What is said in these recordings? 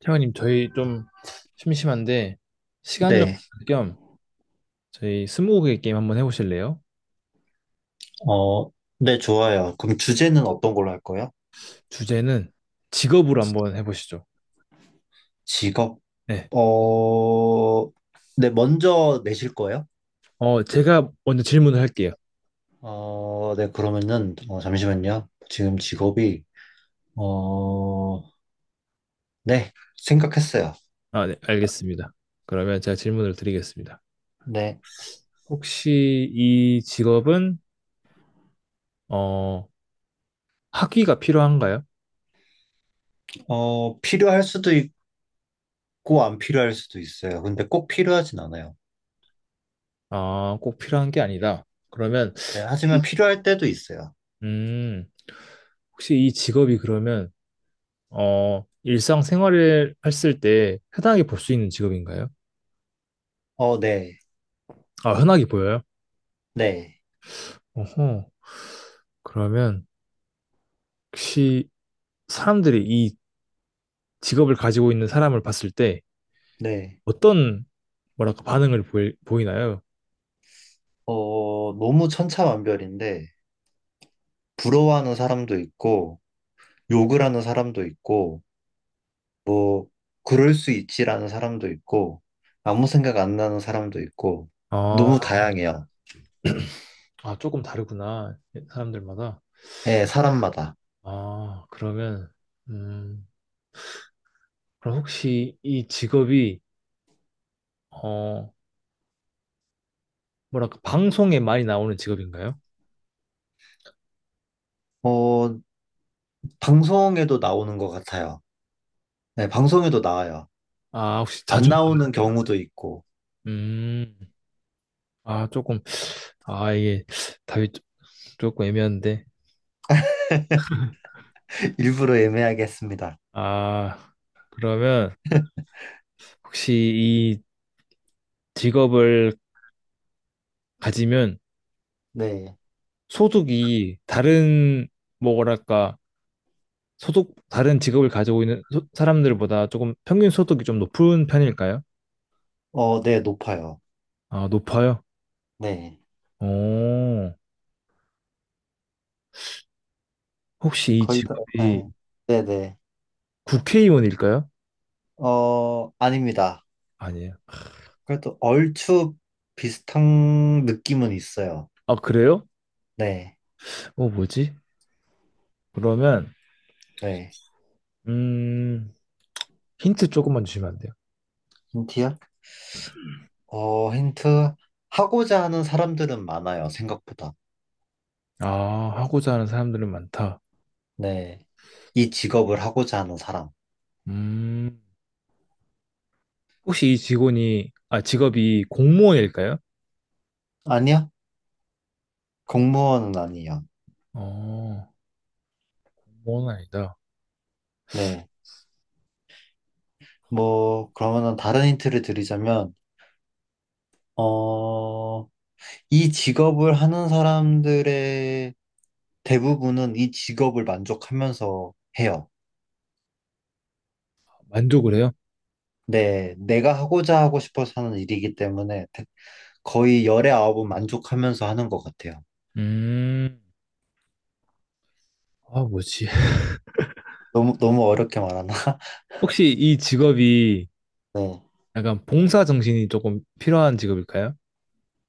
태원님, 저희 좀 심심한데 시간 좀 네, 겸 저희 스무고개 게임 한번 해보실래요? 어, 네, 좋아요. 그럼 주제는 어떤 걸로 할 거예요? 주제는 직업으로 한번 해보시죠. 직업, 네. 어, 네, 먼저 내실 거예요? 제가 먼저 질문을 할게요. 네, 그러면은, 잠시만요. 지금 직업이, 어, 네, 생각했어요. 아, 네, 알겠습니다. 그러면 제가 질문을 드리겠습니다. 네, 혹시 이 직업은 어, 학위가 필요한가요? 필요할 수도 있고, 안 필요할 수도 있어요. 근데 꼭 필요하진 않아요. 아, 꼭 필요한 게 아니다. 그러면 네, 하지만 필요할 때도 있어요. 음, 혹시 이 직업이 그러면 어, 일상생활을 했을 때 흔하게 볼 수 있는 직업인가요? 네, 아, 흔하게 보여요? 네, 어허. 그러면 혹시 사람들이 이 직업을 가지고 있는 사람을 봤을 때 네. 어떤 뭐랄까 반응을 보이나요? 너무 천차만별인데, 부러워하는 사람도 있고, 욕을 하는 사람도 있고, 뭐, 그럴 수 있지라는 사람도 있고, 아무 생각 안 나는 사람도 있고, 아, 너무 다양해요. 아, 조금 다르구나. 사람들마다. 예, 사람마다. 아, 그러면 음, 그럼 혹시 이 직업이 어, 뭐랄까 방송에 많이 나오는 직업인가요? 어, 방송에도 나오는 것 같아요. 네, 방송에도 나와요. 아, 혹시 자주 안 나- 나오는 경우도 있고, 음. 아, 조금 아, 이게 답이 조- 조금 애매한데. 일부러 애매하게 했습니다. 아, 그러면 혹시 직업을 가지면 네. 소득이 다른 뭐랄까 소득 다른 직업을 가지고 있는 소- 사람들보다 조금 평균 소득이 좀 높은 편일까요? 네, 높아요. 아, 높아요. 네. 오, 혹시 이 거의 다, 직업이 네. 네네. 국회의원일까요? 아닙니다. 아니에요. 그래도 얼추 비슷한 느낌은 있어요. 아, 그래요? 네, 어, 뭐지? 그러면 네. 음, 힌트 조금만 주시면 안 돼요? 힌트요? 힌트. 하고자 하는 사람들은 많아요, 생각보다. 아, 하고자 하는 사람들은 많다. 네. 이 직업을 하고자 하는 사람. 음, 혹시 이 직원이 아, 직업이 공무원일까요? 아니요? 공무원은 아니에요. 어, 공무원은 아니다. 네. 뭐, 그러면은 다른 힌트를 드리자면, 어, 이 직업을 하는 사람들의 대부분은 이 직업을 만족하면서 해요. 만족을 해요? 네. 내가 하고자 하고 싶어서 하는 일이기 때문에 거의 열의 아홉은 만족하면서 하는 것 같아요. 음, 아, 뭐지? 너무, 너무 어렵게 말하나? 혹시 이 직업이 네. 약간 봉사 정신이 조금 필요한 직업일까요?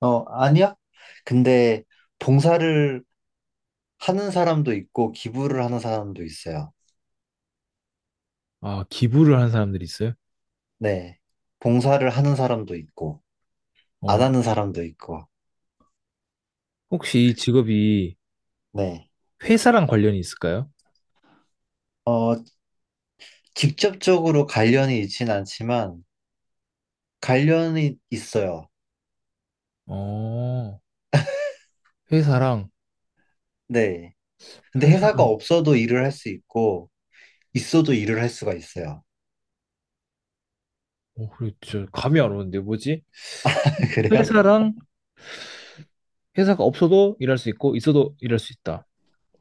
아니야? 근데 봉사를 하는 사람도 있고, 기부를 하는 사람도 있어요. 아, 기부를 한 사람들이 있어요? 네. 봉사를 하는 사람도 있고, 안 어, 하는 사람도 있고, 혹시 이 직업이 네. 회사랑 관련이 있을까요? 어, 직접적으로 관련이 있진 않지만, 관련이 있어요. 어, 회사랑, 네. 근데 회사, 회사가 없어도 일을 할 수 있고, 있어도 일을 할 수가 있어요. 어, 그렇죠. 감이 안 오는데, 뭐지? 그래요? 회사랑, 회사가 없어도 일할 수 있고, 있어도 일할 수 있다.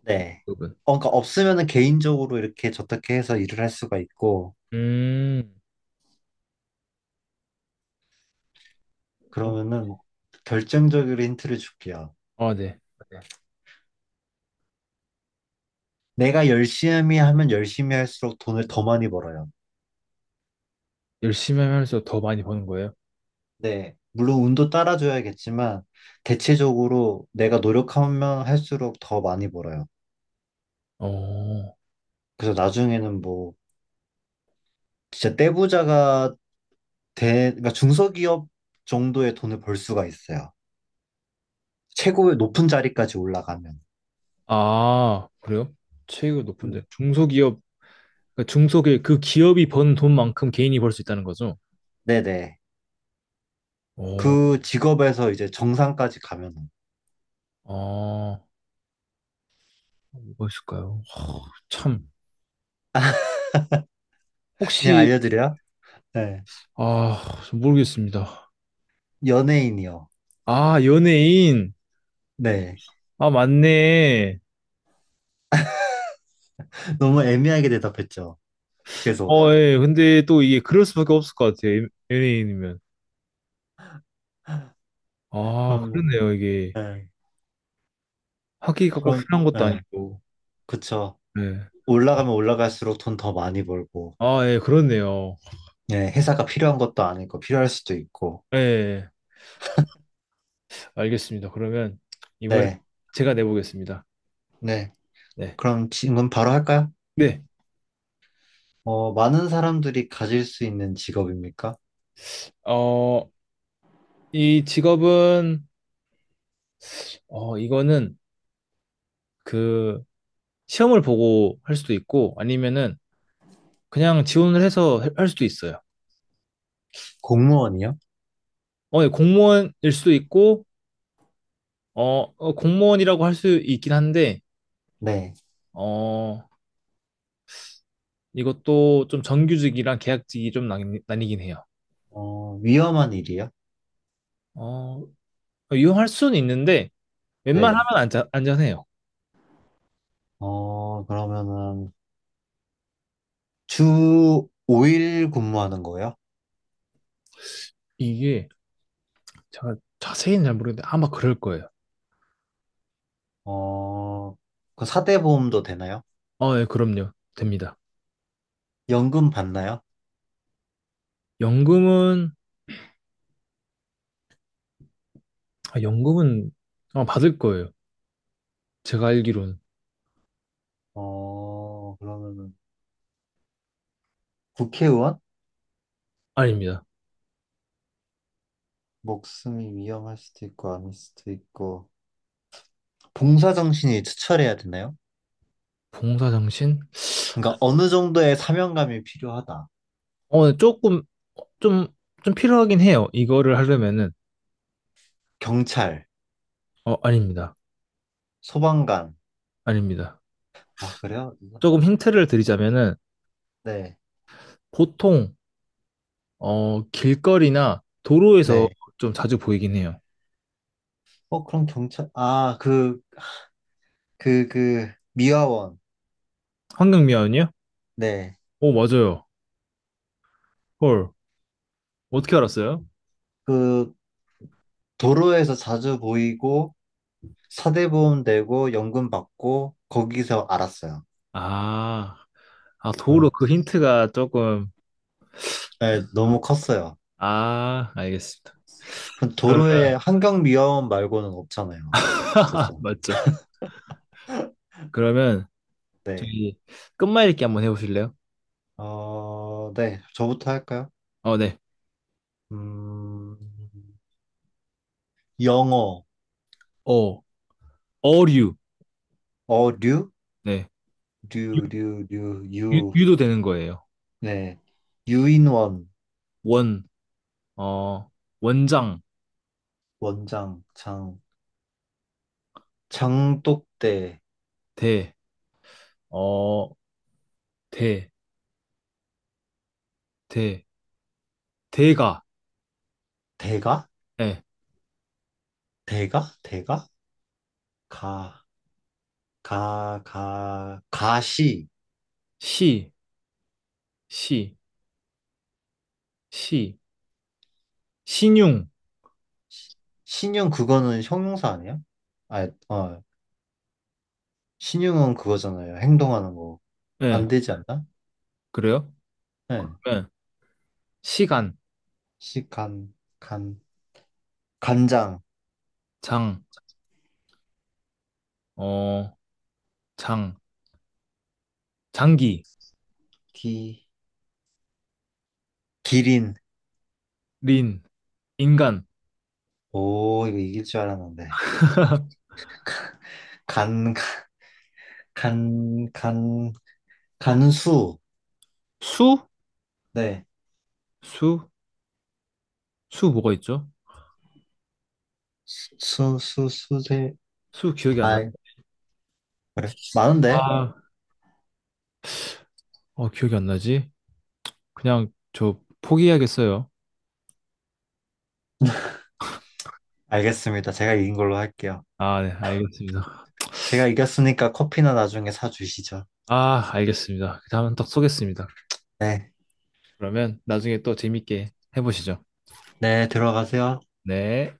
네. 그분 그러니까 없으면은 개인적으로 이렇게 저렇게 해서 일을 할 수가 있고, 음, 어, 그러면은 결정적으로 힌트를 줄게요. 아, 네. 내가 열심히 하면 열심히 할수록 돈을 더 많이 벌어요. 열심히 하면서 더 많이 버는 거예요? 네, 물론 운도 따라줘야겠지만 대체적으로 내가 노력하면 할수록 더 많이 벌어요. 어, 그래서 나중에는 뭐 진짜 떼부자가 돼, 그러니까 중소기업 정도의 돈을 벌 수가 있어요. 최고의 높은 자리까지 올라가면. 아, 그래요? 체육이 높은데 음. 중소기업 그러니까 중소기업, 그 기업이 번 돈만큼 개인이 벌 수 있다는 거죠? 네네. 오, 그 직업에서 이제 정상까지 가면 아, 뭐가 있을까요? 하, 참, 그냥 혹시, 알려드려요? 네. 아, 좀 모르겠습니다. 연예인이요. 아, 연예인. 네. 아, 맞네. 너무 애매하게 대답했죠. 계속. 어, 예. 근데 또 이게 그럴 수밖에 없을 것 같아요. 연예인이면. 아, 그럼, 그렇네요. 이게 네. 학위가 꼭 그럼, 필요한 것도 예, 아니고. 그쵸. 네. 올라가면 올라갈수록 돈 더 많이 벌고, 아, 예, 그렇네요. 예, 회사가 필요한 것도 아니고, 필요할 수도 있고. 예, 알겠습니다. 그러면 이번에 네, 제가 내보겠습니다. 네. 네. 그럼 질문 바로 할까요? 네. 많은 사람들이 가질 수 있는 직업입니까? 어, 이 직업은 어, 이거는 그 시험을 보고 할 수도 있고 아니면은 그냥 지원을 해서 할 수도 있어요. 공무원이요? 어, 예, 공무원일 수도 있고 공무원이라고 할 수 있긴 한데 네. 어, 이것도 좀 정규직이랑 계약직이 좀 나뉘긴 해요. 위험한 일이요? 어, 이용할 수는 있는데 웬만하면 네. 안전해요. 그러면은, 주 5일 근무하는 거예요? 이게 제가 자세히는 잘 모르겠는데 아마 그럴 거예요. 어, 그 사대보험도 되나요? 어, 예, 그럼요. 됩니다. 연금 받나요? 연금은 아, 연금은 아마 받을 거예요. 제가 알기로는 그러면은, 국회의원? 아닙니다. 목숨이 위험할 수도 있고 아닐 수도 있고 봉사 정신이 투철해야 되나요? 봉사 정신? 그러니까 어느 정도의 사명감이 필요하다. 어, 네, 조금 좀좀 필요하긴 해요. 이거를 하려면은 경찰, 어, 아닙니다. 소방관. 아닙니다. 아, 그래요? 조금 힌트를 드리자면은 네. 보통 길거리나 도로에서 네. 좀 자주 보이긴 해요. 그럼 경찰. 아, 그 미화원. 환경미화원이요? 네. 오, 맞아요. 헐. 어떻게 알았어요? 그 도로에서 자주 보이고 사대보험 되고 연금 받고 거기서 알았어요. 아, 아, 도로 네. 그 힌트가 조금 네, 너무 컸어요. 아, 알겠습니다. 그럼 그러면 도로에 환경미화원 말고는 없잖아요. 그래서. 맞죠. 그러면 네. 저기 끝말잇기 한번 해보실래요? 네, 저부터 할까요? 어, 네. 음, 영어, 어, 어류. 어류, 네. 류, 류, 류, 유, 유, 유도되는 거예요. 네, 유인원, 원, 어, 원장, 원장, 장, 장독대, 대, 어, 대, 대, 대가, 대가, 예, 대가, 대가, 가, 가, 가, 가시, 시, 시, 시, 신용, 시- 신용 그거는 형용사 아니에요? 아, 신용은 그거잖아요. 행동하는 거. 예, 안 되지 않나? 그래요? 네, 예, 시간, 시, 간, 간, 간장, 장, 어, 장, 장기, 기, 기린, 린, 인간, 오, 이거 이길 줄 알았는데. 간, 간, 간, 간수. 수, 네. 수, 수 뭐가 있죠? 수, 수, 수세. 수 기억이 안 아, 나. 그래? 많은데? 아, 어, 기억이 안 나지? 그냥 저 포기해야겠어요. 알겠습니다. 제가 이긴 걸로 할게요. 아, 네, 알겠습니다. 제가 이겼으니까 커피나 나중에 사주시죠. 아, 알겠습니다. 다음은 딱 쏘겠습니다. 네. 그러면 나중에 또 재밌게 해보시죠. 네, 들어가세요. 네.